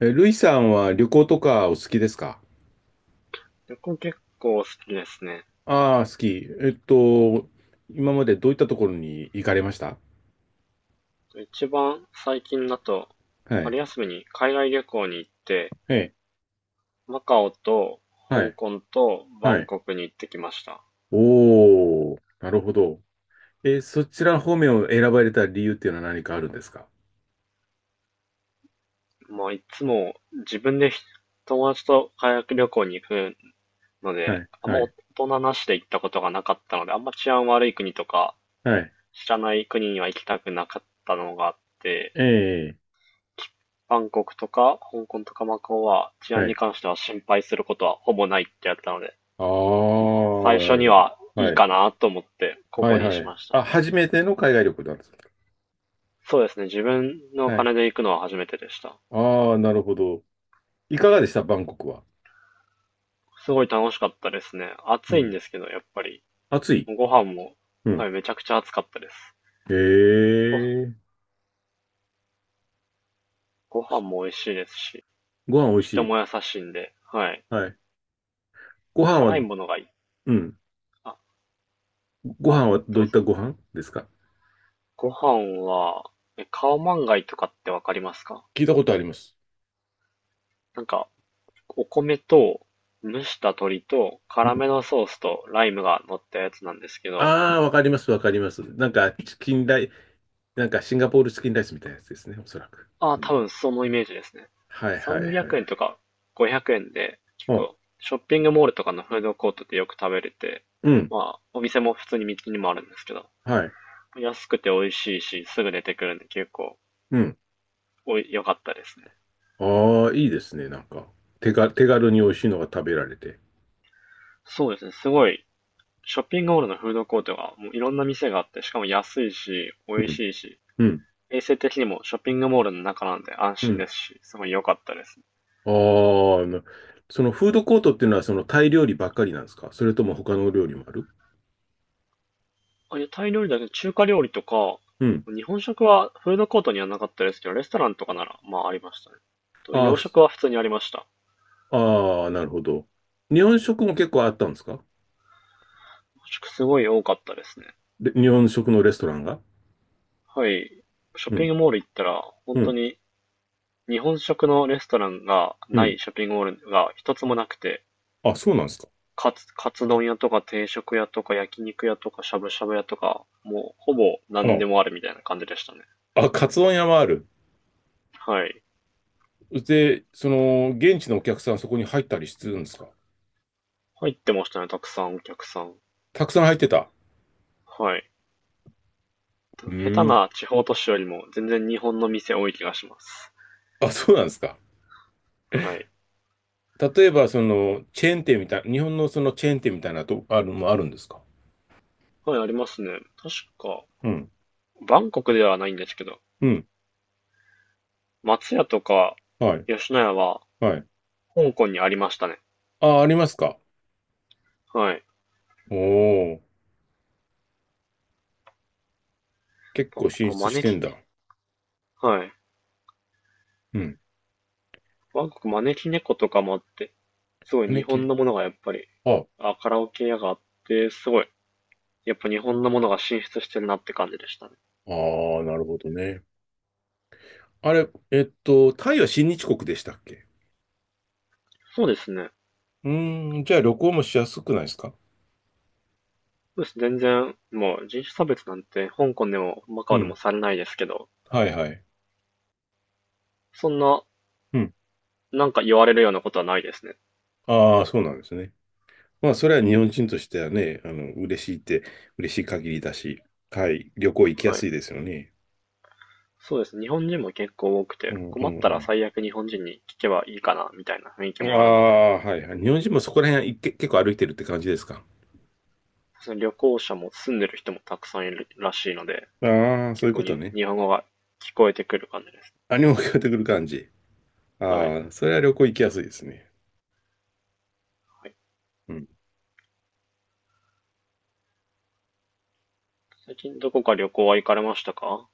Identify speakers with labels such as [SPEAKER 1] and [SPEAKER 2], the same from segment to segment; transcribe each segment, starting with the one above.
[SPEAKER 1] ルイさんは旅行とかお好きですか？
[SPEAKER 2] 旅行結構好きですね。
[SPEAKER 1] ああー、好き。えっと、今までどういったところに行かれました？
[SPEAKER 2] 一番最近だと、
[SPEAKER 1] はい。
[SPEAKER 2] 春休みに海外旅行に行って、
[SPEAKER 1] はい。
[SPEAKER 2] マカオと
[SPEAKER 1] は
[SPEAKER 2] 香
[SPEAKER 1] い。
[SPEAKER 2] 港とバ
[SPEAKER 1] は
[SPEAKER 2] ン
[SPEAKER 1] い。
[SPEAKER 2] コクに行ってきました。
[SPEAKER 1] おー、なるほど。そちら方面を選ばれた理由っていうのは何かあるんですか？
[SPEAKER 2] まあいつも自分で友達と海外旅行に行くの
[SPEAKER 1] は
[SPEAKER 2] で、
[SPEAKER 1] い。
[SPEAKER 2] あんま
[SPEAKER 1] は
[SPEAKER 2] 大
[SPEAKER 1] い。
[SPEAKER 2] 人なしで行ったことがなかったので、あんま治安悪い国とか
[SPEAKER 1] はい。
[SPEAKER 2] 知らない国には行きたくなかったのがあって、
[SPEAKER 1] ええ、
[SPEAKER 2] バンコクとか香港とかマカオは治
[SPEAKER 1] は
[SPEAKER 2] 安に
[SPEAKER 1] い。
[SPEAKER 2] 関しては心配することはほぼないってやったので、
[SPEAKER 1] ああ、
[SPEAKER 2] 最
[SPEAKER 1] な
[SPEAKER 2] 初
[SPEAKER 1] る
[SPEAKER 2] に
[SPEAKER 1] ほど。
[SPEAKER 2] はいい
[SPEAKER 1] はい。
[SPEAKER 2] かなと思って、こ
[SPEAKER 1] は
[SPEAKER 2] こ
[SPEAKER 1] い。
[SPEAKER 2] に
[SPEAKER 1] は
[SPEAKER 2] し
[SPEAKER 1] い。
[SPEAKER 2] ました
[SPEAKER 1] あ、
[SPEAKER 2] ね。
[SPEAKER 1] 初めての海外旅行なんですか？
[SPEAKER 2] そうですね。自分のお
[SPEAKER 1] はい。
[SPEAKER 2] 金で行くのは初めてでした。
[SPEAKER 1] ああ、なるほど。いかがでしたバンコクは。
[SPEAKER 2] すごい楽しかったですね。
[SPEAKER 1] う
[SPEAKER 2] 暑いん
[SPEAKER 1] ん。
[SPEAKER 2] ですけど、やっぱり。
[SPEAKER 1] 暑い。
[SPEAKER 2] ご飯も、
[SPEAKER 1] う
[SPEAKER 2] はい、
[SPEAKER 1] ん。
[SPEAKER 2] めちゃくちゃ暑かったです。
[SPEAKER 1] え
[SPEAKER 2] ご、
[SPEAKER 1] え、
[SPEAKER 2] ご飯も美味しいですし、
[SPEAKER 1] ご飯美味し
[SPEAKER 2] 人
[SPEAKER 1] い。
[SPEAKER 2] も優しいんで、はい。
[SPEAKER 1] はい。ご飯は、
[SPEAKER 2] 辛いもの
[SPEAKER 1] う
[SPEAKER 2] がいい。
[SPEAKER 1] ん。
[SPEAKER 2] あ、
[SPEAKER 1] ご
[SPEAKER 2] あ、
[SPEAKER 1] 飯はどう
[SPEAKER 2] ど
[SPEAKER 1] い
[SPEAKER 2] う
[SPEAKER 1] った
[SPEAKER 2] ぞ。
[SPEAKER 1] ご飯ですか？
[SPEAKER 2] ご飯は、カオマンガイとかってわかりますか？
[SPEAKER 1] 聞いたことあります。
[SPEAKER 2] なんか、お米と、蒸した鶏と、
[SPEAKER 1] うん。
[SPEAKER 2] 辛めのソースとライムが乗ったやつなんですけど、
[SPEAKER 1] ああー、わかります、わかります。なんか、チキンライ、なんかシンガポールチキンライスみたいなやつですね、おそらく。
[SPEAKER 2] ああ、
[SPEAKER 1] う
[SPEAKER 2] 多
[SPEAKER 1] ん、
[SPEAKER 2] 分そのイメージですね。
[SPEAKER 1] はいはいは
[SPEAKER 2] 300円
[SPEAKER 1] い。
[SPEAKER 2] とか500円で結
[SPEAKER 1] あ、
[SPEAKER 2] 構ショッピングモールとかのフードコートでよく食べれて、
[SPEAKER 1] うん、
[SPEAKER 2] まあお店も普通に道にもあるんですけど、
[SPEAKER 1] はい。
[SPEAKER 2] 安くて美味しいしすぐ出てくるんで結構
[SPEAKER 1] うん。
[SPEAKER 2] おい良かったですね。
[SPEAKER 1] ああ、いいですね、なんか。手が、手軽に美味しいのが食べられて。
[SPEAKER 2] そうですね、すごいショッピングモールのフードコートがもういろんな店があってしかも安いし美
[SPEAKER 1] う
[SPEAKER 2] 味
[SPEAKER 1] ん、
[SPEAKER 2] しいし、
[SPEAKER 1] うん、
[SPEAKER 2] 衛生的にもショッピングモールの中なんで安
[SPEAKER 1] う
[SPEAKER 2] 心
[SPEAKER 1] ん。
[SPEAKER 2] ですし、すごい良かったです。
[SPEAKER 1] あーあ、の、そのフードコートっていうのはそのタイ料理ばっかりなんですか？それとも他の料理もある？
[SPEAKER 2] あ、屋台料理だけど中華料理とか、
[SPEAKER 1] うん。
[SPEAKER 2] 日本食はフードコートにはなかったですけど、レストランとかなら、まあありましたね。と、
[SPEAKER 1] ああ、
[SPEAKER 2] 洋
[SPEAKER 1] ふ、
[SPEAKER 2] 食は普通にありました。
[SPEAKER 1] ああ、なるほど。日本食も結構あったんですか？
[SPEAKER 2] 洋食すごい多かったですね。
[SPEAKER 1] で、日本食のレストランが、
[SPEAKER 2] はい。ショッ
[SPEAKER 1] う
[SPEAKER 2] ピン
[SPEAKER 1] ん、
[SPEAKER 2] グモール行ったら、
[SPEAKER 1] う
[SPEAKER 2] 本当
[SPEAKER 1] ん、
[SPEAKER 2] に日本食のレストランが
[SPEAKER 1] う
[SPEAKER 2] な
[SPEAKER 1] ん。
[SPEAKER 2] いショッピングモールが一つもなくて、
[SPEAKER 1] あ、そうなんですか。
[SPEAKER 2] カツ丼屋とか定食屋とか焼肉屋とかしゃぶしゃぶ屋とか、もうほぼ何
[SPEAKER 1] あ、
[SPEAKER 2] でもあるみたいな感じでしたね。
[SPEAKER 1] あ、カツ丼屋もある。
[SPEAKER 2] はい。
[SPEAKER 1] で、その、現地のお客さんそこに入ったりするんですか？
[SPEAKER 2] 入ってましたね、たくさんお客さん。
[SPEAKER 1] たくさん入ってた。
[SPEAKER 2] はい。
[SPEAKER 1] う
[SPEAKER 2] 下手
[SPEAKER 1] ーん。
[SPEAKER 2] な地方都市よりも全然日本の店多い気がします。
[SPEAKER 1] あ、そうなんですか。
[SPEAKER 2] はい。
[SPEAKER 1] 例えば、その、チェーン店みたい、日本のそのチェーン店みたいなと、ある、もあるんですか？
[SPEAKER 2] はい、ありますね。確か、
[SPEAKER 1] うん、
[SPEAKER 2] バンコクではないんですけど、
[SPEAKER 1] うん、
[SPEAKER 2] 松屋とか
[SPEAKER 1] はい、
[SPEAKER 2] 吉野家は
[SPEAKER 1] はい。
[SPEAKER 2] 香港にありましたね。
[SPEAKER 1] あ、ありますか。
[SPEAKER 2] はい。
[SPEAKER 1] おー、結
[SPEAKER 2] バ
[SPEAKER 1] 構
[SPEAKER 2] ンコク
[SPEAKER 1] 進
[SPEAKER 2] は
[SPEAKER 1] 出し
[SPEAKER 2] 招
[SPEAKER 1] てん
[SPEAKER 2] き
[SPEAKER 1] だ。
[SPEAKER 2] ね。はい。
[SPEAKER 1] うん。
[SPEAKER 2] バンコク招き猫とかもあって、すごい日
[SPEAKER 1] ね、
[SPEAKER 2] 本
[SPEAKER 1] け、
[SPEAKER 2] のものがやっぱり、
[SPEAKER 1] あ、
[SPEAKER 2] あ、カラオケ屋があって、すごい、やっぱ日本のものが進出してるなって感じでしたね。
[SPEAKER 1] ああ、なるほどね。あれ、タイは親日国でしたっけ？
[SPEAKER 2] そうですね。
[SPEAKER 1] うーん、じゃあ旅行もしやすくないですか？
[SPEAKER 2] そうです。全然、もう人種差別なんて香港でもマカ
[SPEAKER 1] う
[SPEAKER 2] オで
[SPEAKER 1] ん。
[SPEAKER 2] もされないですけど、
[SPEAKER 1] はいはい。
[SPEAKER 2] そんな
[SPEAKER 1] うん。
[SPEAKER 2] なんか言われるようなことはないですね。
[SPEAKER 1] ああ、そうなんですね。まあ、それは日本人としてはね、嬉しいって、嬉しい限りだし、はい、旅行行きや
[SPEAKER 2] は
[SPEAKER 1] す
[SPEAKER 2] い。
[SPEAKER 1] いですよね。
[SPEAKER 2] そうです。日本人も結構多く
[SPEAKER 1] う
[SPEAKER 2] て、
[SPEAKER 1] んう
[SPEAKER 2] 困ったら
[SPEAKER 1] ん
[SPEAKER 2] 最悪日本人に聞けばいいかな、みたいな雰囲気
[SPEAKER 1] うん。あ
[SPEAKER 2] もあるので、
[SPEAKER 1] あ、はいはい。日本人もそこら辺いけ結構歩いてるって感じですか？
[SPEAKER 2] その旅行者も住んでる人もたくさんいるらしいので、
[SPEAKER 1] ああー、そう
[SPEAKER 2] 結
[SPEAKER 1] いう
[SPEAKER 2] 構
[SPEAKER 1] こと
[SPEAKER 2] に
[SPEAKER 1] ね。
[SPEAKER 2] 日本語が聞こえてくる感じです。
[SPEAKER 1] 何も聞こえてくる感じ。
[SPEAKER 2] はい。
[SPEAKER 1] ああ、それは旅行行きやすいですね。
[SPEAKER 2] はい、
[SPEAKER 1] うん。
[SPEAKER 2] 最近どこか旅行は行かれましたか？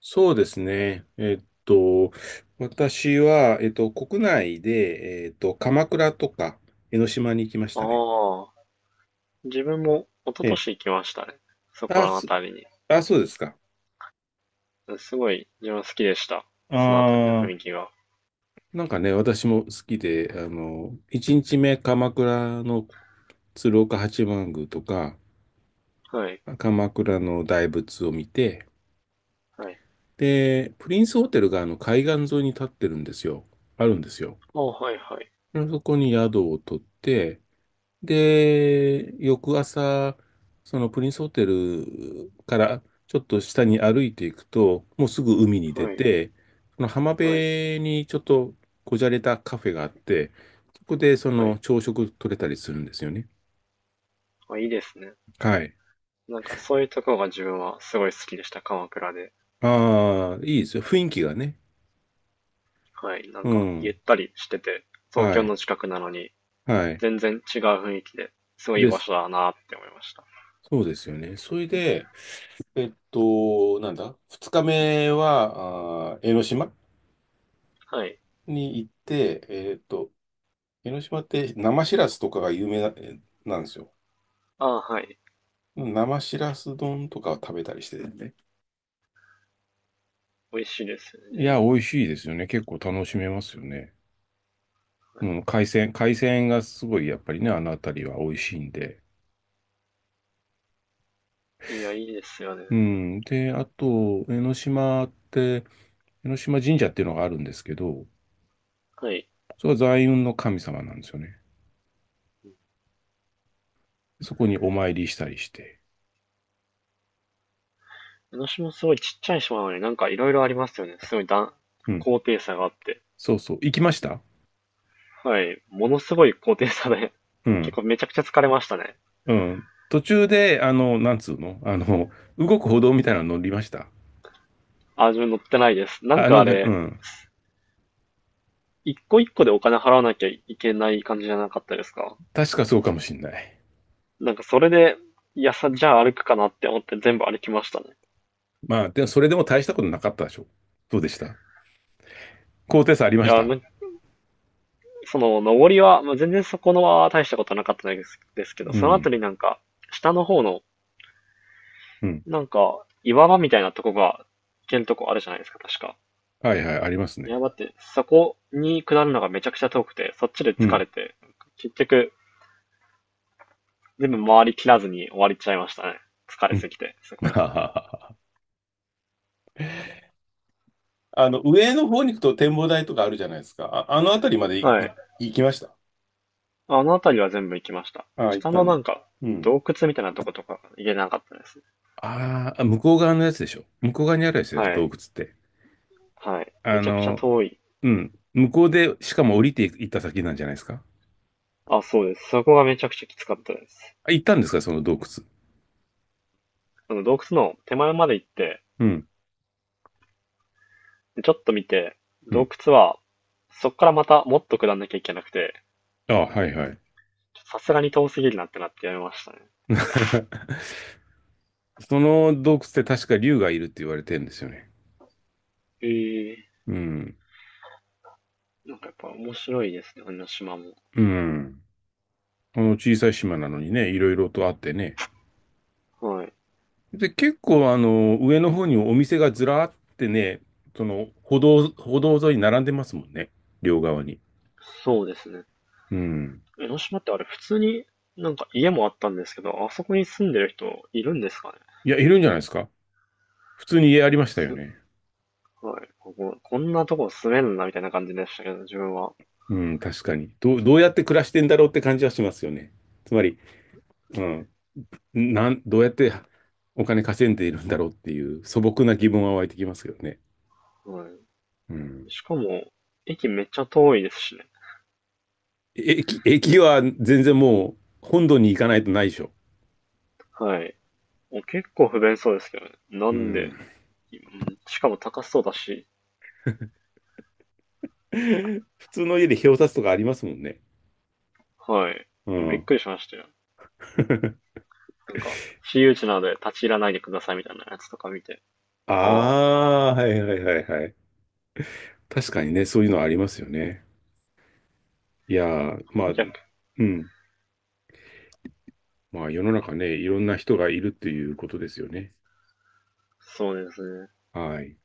[SPEAKER 1] そうですね。私は、国内で、鎌倉とか江ノ島に行きましたね。
[SPEAKER 2] ああ、自分も一昨
[SPEAKER 1] ええ、
[SPEAKER 2] 年行きましたね。そこら
[SPEAKER 1] あ、
[SPEAKER 2] のあ
[SPEAKER 1] す、
[SPEAKER 2] たりに。
[SPEAKER 1] あ、そうですか。
[SPEAKER 2] すごい自分は好きでした。そのあたりの
[SPEAKER 1] あ
[SPEAKER 2] 雰
[SPEAKER 1] あ、
[SPEAKER 2] 囲気が。
[SPEAKER 1] なんかね、私も好きで、1日目、鎌倉の鶴岡八幡宮とか、
[SPEAKER 2] はい。
[SPEAKER 1] 鎌倉の大仏を見て、
[SPEAKER 2] はい。
[SPEAKER 1] で、プリンスホテルがあの海岸沿いに立ってるんですよ。あるんですよ。
[SPEAKER 2] ああ、はいはい。
[SPEAKER 1] でそこに宿を取って、で、翌朝、そのプリンスホテルからちょっと下に歩いていくと、もうすぐ海に出
[SPEAKER 2] はい。
[SPEAKER 1] て、その浜
[SPEAKER 2] はい。
[SPEAKER 1] 辺にちょっとこじゃれたカフェがあって、そこでそ
[SPEAKER 2] は
[SPEAKER 1] の
[SPEAKER 2] い。
[SPEAKER 1] 朝食取れたりするんですよね。
[SPEAKER 2] あ、いいですね。
[SPEAKER 1] はい。
[SPEAKER 2] なんかそういうところが自分はすごい好きでした、鎌倉で。
[SPEAKER 1] ああ、いいですよ。雰囲気がね。
[SPEAKER 2] はい、なん
[SPEAKER 1] う
[SPEAKER 2] かゆ
[SPEAKER 1] ん。
[SPEAKER 2] ったりしてて、東
[SPEAKER 1] は
[SPEAKER 2] 京
[SPEAKER 1] い。
[SPEAKER 2] の近くなのに
[SPEAKER 1] はい。
[SPEAKER 2] 全然違う雰囲気で、すごいいい
[SPEAKER 1] で
[SPEAKER 2] 場
[SPEAKER 1] す。
[SPEAKER 2] 所だなって思いました。
[SPEAKER 1] そうですよね。それで、なんだ、二日目は、あー江ノ島
[SPEAKER 2] はい。
[SPEAKER 1] に行って、広島って生しらすとかが有名な、え、なんですよ。
[SPEAKER 2] ああ、はい。
[SPEAKER 1] 生しらす丼とかを食べたりしててね。
[SPEAKER 2] 美味しいですよね、自
[SPEAKER 1] いや、
[SPEAKER 2] 分。
[SPEAKER 1] 美味しいですよね。結構楽しめますよね。う
[SPEAKER 2] は
[SPEAKER 1] ん、海鮮がすごいやっぱりね、あの辺りは美味しいんで。
[SPEAKER 2] い、いや、いいですよね。
[SPEAKER 1] うん。で、あと、江ノ島って、江ノ島神社っていうのがあるんですけど、
[SPEAKER 2] はい。
[SPEAKER 1] それは財運の神様なんですよね。そこにお参りしたりして。
[SPEAKER 2] 江ノ島すごいちっちゃい島なのになんかいろいろありますよね。すごい
[SPEAKER 1] うん。
[SPEAKER 2] 高低差があって。
[SPEAKER 1] そうそう。行きました？
[SPEAKER 2] はい。ものすごい高低差で、
[SPEAKER 1] う
[SPEAKER 2] 結
[SPEAKER 1] ん。
[SPEAKER 2] 構めちゃくちゃ疲れましたね。
[SPEAKER 1] うん。途中で、なんつうの動く歩道みたいなの乗りました？
[SPEAKER 2] あ、自分乗ってないです。なん
[SPEAKER 1] あ
[SPEAKER 2] か
[SPEAKER 1] の
[SPEAKER 2] あ
[SPEAKER 1] ね、う
[SPEAKER 2] れ、
[SPEAKER 1] ん。
[SPEAKER 2] 一個一個でお金払わなきゃいけない感じじゃなかったですか？
[SPEAKER 1] 確かそうかもしんない。
[SPEAKER 2] なんかそれで、いやさ、じゃあ歩くかなって思って全部歩きましたね。
[SPEAKER 1] まあ、でもそれでも大したことなかったでしょ。どうでした？高低差あり
[SPEAKER 2] い
[SPEAKER 1] まし
[SPEAKER 2] や、
[SPEAKER 1] た？
[SPEAKER 2] なんかその、登りは、まあ、全然そこのは大したことなかったですです
[SPEAKER 1] う
[SPEAKER 2] けど、その後
[SPEAKER 1] ん。
[SPEAKER 2] になんか、下の方の、
[SPEAKER 1] うん。
[SPEAKER 2] なんか、岩場みたいなとこが、行けるとこあるじゃないですか、確か。
[SPEAKER 1] はいはい、あります
[SPEAKER 2] いや、
[SPEAKER 1] ね。
[SPEAKER 2] だって、そこに下るのがめちゃくちゃ遠くて、そっちで
[SPEAKER 1] う
[SPEAKER 2] 疲
[SPEAKER 1] ん。
[SPEAKER 2] れて、結局、全部回り切らずに終わりちゃいましたね。疲れ
[SPEAKER 1] うん。
[SPEAKER 2] すぎて、そ こら辺で。
[SPEAKER 1] あの、上の方に行くと展望台とかあるじゃないですか。あ、あの辺りまでい
[SPEAKER 2] は
[SPEAKER 1] い、
[SPEAKER 2] い。
[SPEAKER 1] 行きました。
[SPEAKER 2] あの辺りは全部行きました。
[SPEAKER 1] ああ、行っ
[SPEAKER 2] 下
[SPEAKER 1] た
[SPEAKER 2] の
[SPEAKER 1] ん
[SPEAKER 2] な
[SPEAKER 1] で。
[SPEAKER 2] んか、
[SPEAKER 1] うん。
[SPEAKER 2] 洞窟みたいなとことか行けなかったですね。
[SPEAKER 1] ああ、向こう側のやつでしょ。向こう側にあるやつでしょ、
[SPEAKER 2] は
[SPEAKER 1] 洞窟
[SPEAKER 2] い。
[SPEAKER 1] って。
[SPEAKER 2] はい。
[SPEAKER 1] あ
[SPEAKER 2] めちゃくちゃ
[SPEAKER 1] の、
[SPEAKER 2] 遠い。
[SPEAKER 1] うん。向こうで、しかも降りてい行った先なんじゃないですか。
[SPEAKER 2] あ、そうです。そこがめちゃくちゃきつかったです。
[SPEAKER 1] あ、行ったんですか、その洞窟。
[SPEAKER 2] あの、洞窟の手前まで行って、
[SPEAKER 1] うん。
[SPEAKER 2] でちょっと見て、
[SPEAKER 1] う
[SPEAKER 2] 洞
[SPEAKER 1] ん。
[SPEAKER 2] 窟は、そこからまたもっと下んなきゃいけなくて、
[SPEAKER 1] あ、はいはい。
[SPEAKER 2] さすがに遠すぎるなってなってやめましたね。確か、
[SPEAKER 1] その洞窟って確か竜がいるって言われてるんですよね。
[SPEAKER 2] ええ、
[SPEAKER 1] うん。
[SPEAKER 2] なんかやっぱ面白いですね、江ノ島も。
[SPEAKER 1] うん。この小さい島なのにね、いろいろとあってね。
[SPEAKER 2] はい。
[SPEAKER 1] で、結構あの、上の方にお店がずらーってね、歩道沿いに並んでますもんね。両側に。
[SPEAKER 2] そうですね。
[SPEAKER 1] うん。
[SPEAKER 2] 江ノ島ってあれ普通になんか家もあったんですけど、あそこに住んでる人いるんですかね？
[SPEAKER 1] いや、いるんじゃないですか。普通に家ありましたよ
[SPEAKER 2] す
[SPEAKER 1] ね。
[SPEAKER 2] ごい。ここ、こんなとこ住めんな、みたいな感じでしたけど、自分は。
[SPEAKER 1] うん、確かに。どうやって暮らしてんだろうって感じはしますよね。つまり、うん、なん、どうやってお金稼いでいるんだろうっていう素朴な疑問は湧いてきますけどね。
[SPEAKER 2] は
[SPEAKER 1] う
[SPEAKER 2] い。
[SPEAKER 1] ん。
[SPEAKER 2] しかも、駅めっちゃ遠いですしね。
[SPEAKER 1] 駅は全然もう本土に行かないとないでしょ。
[SPEAKER 2] はい。もう結構不便そうですけどね。な
[SPEAKER 1] う
[SPEAKER 2] ん
[SPEAKER 1] ん。
[SPEAKER 2] で、うんしかも高そうだし、
[SPEAKER 1] 普通の家で表札とかありますもんね。
[SPEAKER 2] はい。
[SPEAKER 1] う
[SPEAKER 2] びっ
[SPEAKER 1] ん。
[SPEAKER 2] くりしましたよ。なんか、私有地なので立ち入らないでくださいみたいなやつとか見て。ああ、
[SPEAKER 1] ああ、はいはいはいはい。確かにね、そういうのはありますよね。いやー、まあ、
[SPEAKER 2] 顧客。
[SPEAKER 1] うん。まあ世の中ね、いろんな人がいるっていうことですよね。
[SPEAKER 2] そうですね。
[SPEAKER 1] はい。